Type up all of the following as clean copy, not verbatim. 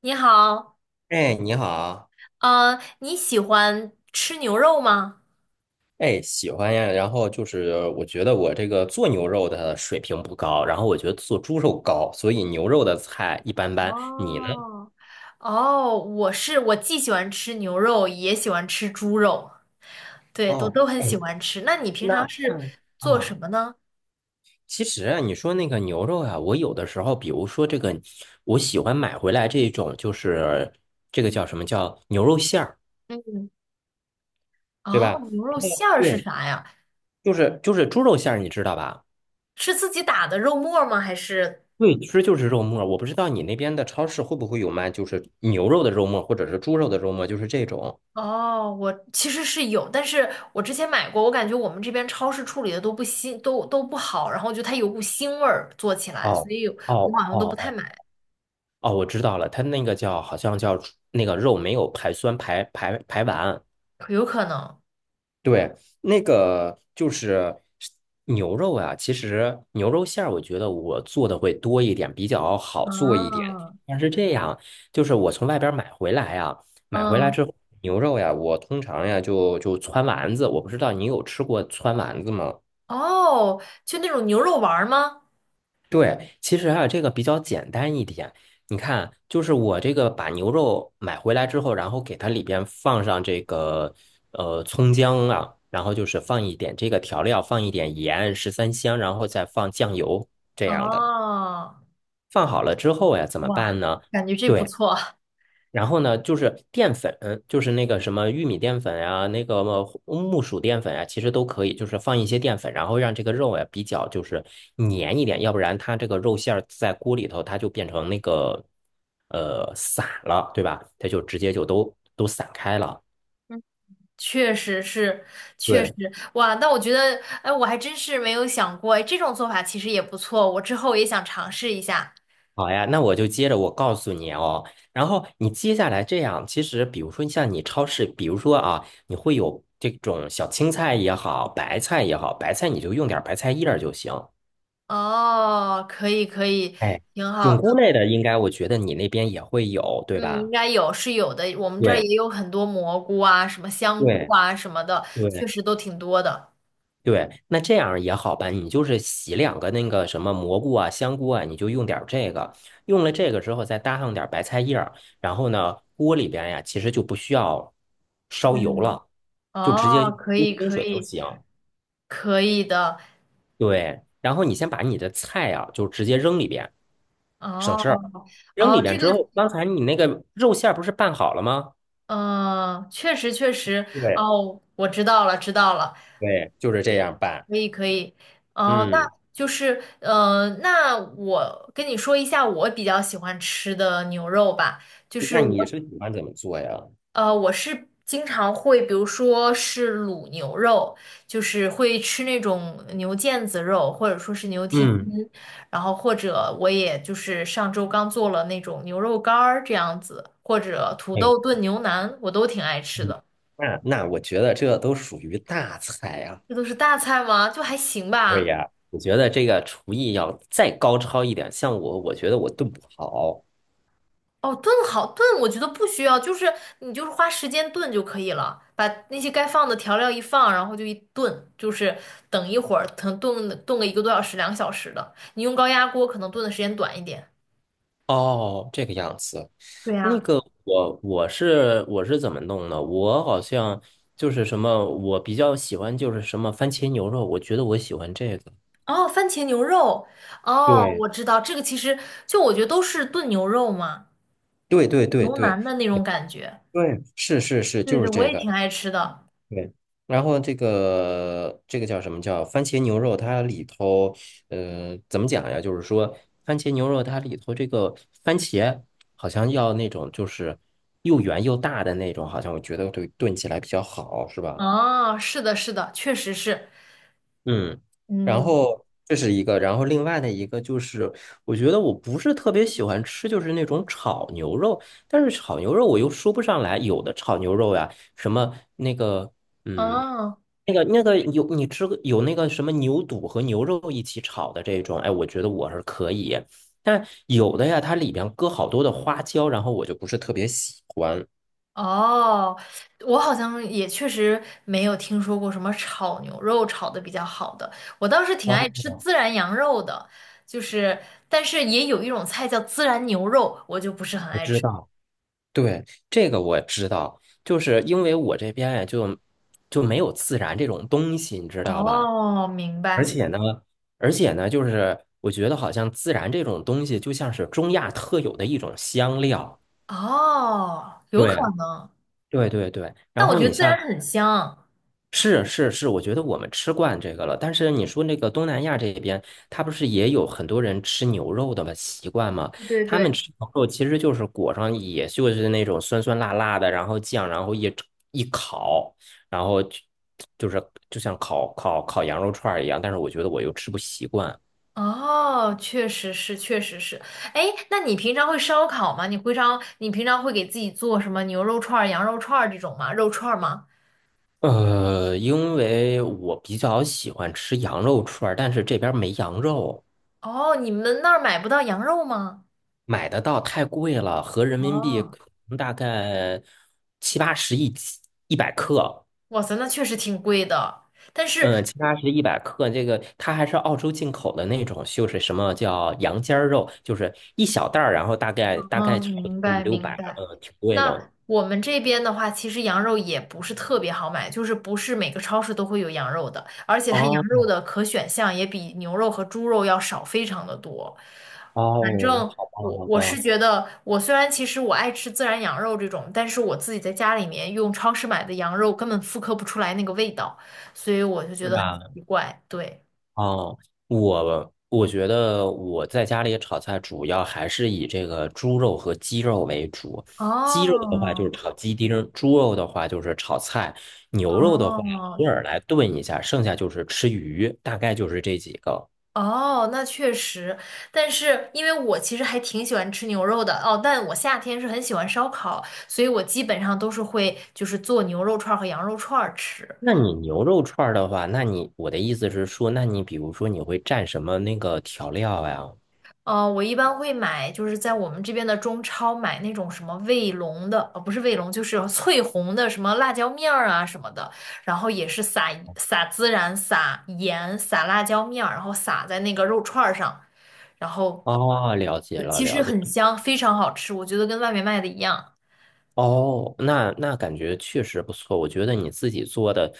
你好。哎，你好，嗯，你喜欢吃牛肉吗？哎，喜欢呀。然后就是，我觉得我这个做牛肉的水平不高，然后我觉得做猪肉高，所以牛肉的菜一般般。你呢？哦。哦，我是，我既喜欢吃牛肉，也喜欢吃猪肉。对，都哦，都很哎，喜欢吃。那你平那常是那做什啊，么呢？其实啊，你说那个牛肉啊，我有的时候，比如说这个，我喜欢买回来这种，就是这个叫什么叫牛肉馅儿，嗯。对哦，吧？牛肉馅儿是对，啥呀？就是猪肉馅儿，你知道吧？是自己打的肉末儿吗？还是？对，其实就是肉沫。我不知道你那边的超市会不会有卖，就是牛肉的肉沫，或者是猪肉的肉沫，就是这种。哦，我其实是有，但是我之前买过，我感觉我们这边超市处理的都不新，都不好，然后就它有股腥味儿，做起来，所哦以我好哦像哦都不太哦买。哦，我知道了，它那个叫好像叫那个肉没有排酸排完。有可能。对，那个就是牛肉啊，其实牛肉馅儿，我觉得我做的会多一点，比较好做一点。啊。但是这样，就是我从外边儿买回来嗯。之后牛肉呀，我通常呀就汆丸子，我不知道你有吃过汆丸子吗？哦，就那种牛肉丸儿吗？对，其实啊，这个比较简单一点。你看，就是我这个把牛肉买回来之后，然后给它里边放上这个葱姜啊，然后就是放一点这个调料，放一点盐、十三香，然后再放酱油这样的。哦。放好了之后呀，怎么哇，办呢？感觉这不对。错。然后呢，就是淀粉，就是那个什么玉米淀粉呀、那个木薯淀粉呀，其实都可以，就是放一些淀粉，然后让这个肉呀比较就是粘一点，要不然它这个肉馅儿在锅里头它就变成那个散了，对吧？它就直接就都散开了。嗯，确实是，确实。对，哇，那我觉得，哎，我还真是没有想过，哎，这种做法其实也不错，我之后也想尝试一下。好呀，那我就接着我告诉你哦，然后你接下来这样，其实比如说像你超市，比如说啊，你会有这种小青菜也好，白菜也好，白菜你就用点儿白菜叶儿就行。哦，可以，可以，哎，挺菌好菇的。类的，应该我觉得你那边也会有，对嗯，应吧？该有是有的，我们这儿对也有很多蘑菇啊，什么香菇对啊什么的，确对实都挺多的。对，那这样也好办，你就是洗两个那个什么蘑菇啊、香菇啊，你就用点儿这个，用了这个之后再搭上点儿白菜叶儿，然后呢，锅里边呀其实就不需要烧油嗯。了，就直接哦，可用以，清可水就以。行。可以的。对，然后你先把你的菜啊就直接扔里边，哦省事儿。扔哦，里边这之个后，刚才你那个肉馅儿不是拌好了吗？嗯，确实确实。对，哦，我知道了知道了，对，就是这样办。可以可以。哦，那嗯，就是嗯，那我跟你说一下我比较喜欢吃的牛肉吧，就是那我你是喜欢怎么做呀？呃，我是经常会，比如说是卤牛肉，就是会吃那种牛腱子肉，或者说是牛蹄嗯，筋，然后或者我也就是上周刚做了那种牛肉干儿这样子，或者土哎，豆炖牛腩，我都挺爱吃嗯的。那我觉得这都属于大菜啊。这都是大菜吗？就还行对吧。呀，我觉得这个厨艺要再高超一点，像我，我觉得我炖不好。哦，炖好炖，我觉得不需要，就是你就是花时间炖就可以了，把那些该放的调料一放，然后就一炖，就是等一会儿，可能炖个一个多小时、两个小时的。你用高压锅可能炖的时间短一点。哦，这个样子。对那呀。个我是怎么弄的？我好像就是什么，我比较喜欢就是什么番茄牛肉，我觉得我喜欢这个。哦，番茄牛肉。哦，对我知道这个，其实就我觉得都是炖牛肉嘛，对对对牛对腩的那种感觉。对，是是是，对就对，是我这也个。挺爱吃的。对，然后这个叫什么叫番茄牛肉？它里头，怎么讲呀？就是说，番茄牛肉它里头这个番茄好像要那种就是又圆又大的那种，好像我觉得对炖起来比较好，是吧？哦，是的，是的，确实是。嗯，然嗯。后这是一个，然后另外的一个就是，我觉得我不是特别喜欢吃，就是那种炒牛肉，但是炒牛肉我又说不上来，有的炒牛肉呀，什么那个，嗯，哦。那个有你吃过有那个什么牛肚和牛肉一起炒的这种，哎，我觉得我是可以，但有的呀，它里边搁好多的花椒，然后我就不是特别喜欢。哦，我好像也确实没有听说过什么炒牛肉炒的比较好的。我倒是挺啊，爱吃孜然羊肉的，就是，但是也有一种菜叫孜然牛肉，我就不是很我爱知吃。道。对，这个我知道，就是因为我这边呀，就没有自然这种东西，你知道吧？哦，明而白。且呢，就是我觉得好像自然这种东西就像是中亚特有的一种香料。哦，有可对，能。对对对。但然我后觉你得孜像然很香。是是是，我觉得我们吃惯这个了。但是你说那个东南亚这边，他不是也有很多人吃牛肉的吗？习惯吗？对他们对。吃牛肉其实就是裹上，也就是那种酸酸辣辣的，然后酱，然后一烤，然后就是就像烤羊肉串儿一样。但是我觉得我又吃不习惯。哦，确实是，确实是。哎，那你平常会烧烤吗？你会烧，你平常会给自己做什么牛肉串儿羊肉串儿这种吗？肉串儿吗？因为我比较喜欢吃羊肉串儿但是这边儿没羊肉。哦，你们那儿买不到羊肉吗？买得到太贵了，合人民币哦。可能大概七八十一斤一百克，哇塞，那确实挺贵的。但是，嗯，七八十一百克，这个它还是澳洲进口的那种，就是什么叫羊尖儿肉，就是一小袋儿，然后大概嗯，差不明多五白六明百，白。嗯，挺贵的。那我们这边的话，其实羊肉也不是特别好买，就是不是每个超市都会有羊肉的，而且它羊肉哦的可选项也比牛肉和猪肉要少非常的多。反哦，正好吧，我好我是吧，觉得，我虽然其实我爱吃自然羊肉这种，但是我自己在家里面用超市买的羊肉根本复刻不出来那个味道，所以我就觉是得很吧？奇怪。对。哦，我觉得我在家里炒菜主要还是以这个猪肉和鸡肉为主。鸡肉的话就是哦炒鸡丁儿，猪肉的话就是炒菜，牛肉的话哦偶尔来炖一下，剩下就是吃鱼，大概就是这几个。哦，那确实。但是因为我其实还挺喜欢吃牛肉的哦，但我夏天是很喜欢烧烤，所以我基本上都是会就是做牛肉串儿和羊肉串儿吃。那你牛肉串儿的话，那你我的意思是说，那你比如说你会蘸什么那个调料呀？呃，我一般会买，就是在我们这边的中超买那种什么卫龙的，呃，不是卫龙，就是翠红的什么辣椒面儿啊什么的，然后也是撒撒孜然、撒盐、撒辣椒面儿，然后撒在那个肉串儿上，然后哦，了解对了，其实了解。很香，非常好吃，我觉得跟外面卖的一样。哦，那感觉确实不错。我觉得你自己做的，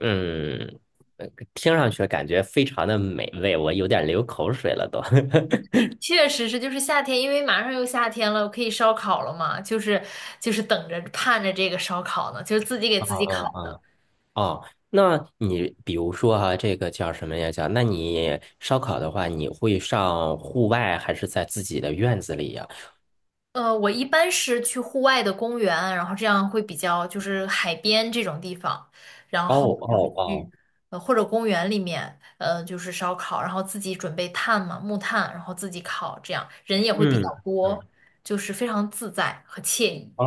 嗯，呃听上去感觉非常的美味，我有点流口水了都。确实是，就是夏天，因为马上又夏天了，可以烧烤了嘛，就是就是等着盼着这个烧烤呢，就是自己给嗯自己嗯烤的。嗯。哦，那你比如说哈、这个叫什么呀？叫那你烧烤的话，你会上户外还是在自己的院子里呀？呃，我一般是去户外的公园，然后这样会比较就是海边这种地方，然哦后就是哦去哦，呃或者公园里面，呃就是烧烤，然后自己准备炭嘛，木炭，然后自己烤，这样人也会比嗯较多，嗯就是非常自在和惬意。啊，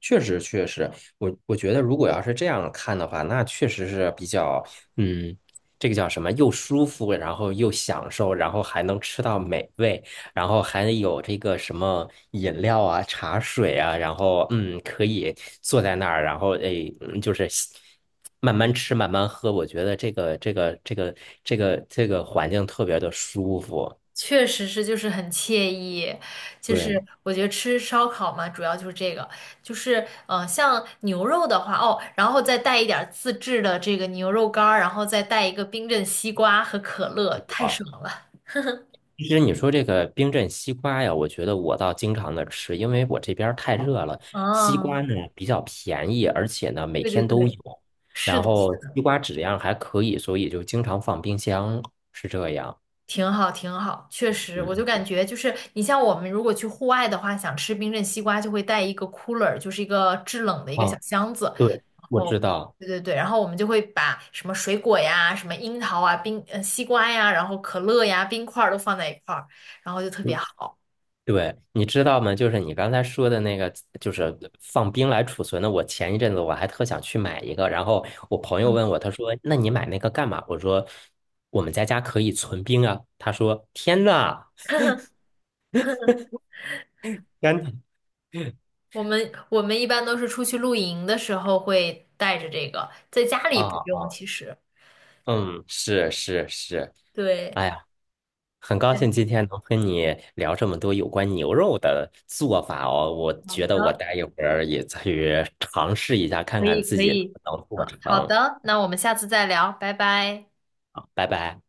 确实确实，我觉得如果要是这样看的话，那确实是比较，嗯，这个叫什么，又舒服，然后又享受，然后还能吃到美味，然后还有这个什么饮料啊、茶水啊，然后可以坐在那儿，然后哎，就是慢慢吃、慢慢喝，我觉得这个环境特别的舒服。确实是，就是很惬意，就对，是我觉得吃烧烤嘛，主要就是这个，就是嗯、呃像牛肉的话，哦，然后再带一点儿自制的这个牛肉干儿，然后再带一个冰镇西瓜和可乐，太爽了。其实你说这个冰镇西瓜呀，我觉得我倒经常的吃，因为我这边儿太热了。西嗯，瓜呢比较便宜，而且呢每对对天都对，有，是然的，是后的，西瓜质量还可以，所以就经常放冰箱，是这样。挺好，挺好，确实，我就嗯，感觉就是你像我们如果去户外的话，想吃冰镇西瓜，就会带一个 cooler，就是一个制冷的一个小啊，箱子，对，我后，知道。对对对，然后我们就会把什么水果呀、什么樱桃啊、冰呃西瓜呀，然后可乐呀、冰块儿都放在一块儿，然后就特别嗯，好。对，你知道吗？就是你刚才说的那个，就是放冰来储存的。我前一阵子我还特想去买一个，然后我朋友问我，他说：“那你买那个干嘛？”我说：“我们在家可以存冰啊。”他说：“天呐！”甘甜我们一般都是出去露营的时候会带着这个，在家里啊不用，啊，其实。嗯，是是是，对，哎呀，很高对，兴今天能跟你聊这么多有关牛肉的做法哦。我好觉得我的，待一会儿也去尝试一下，看可看以自可己能不以，能做好好成。的，那我们下次再聊，拜拜。拜拜。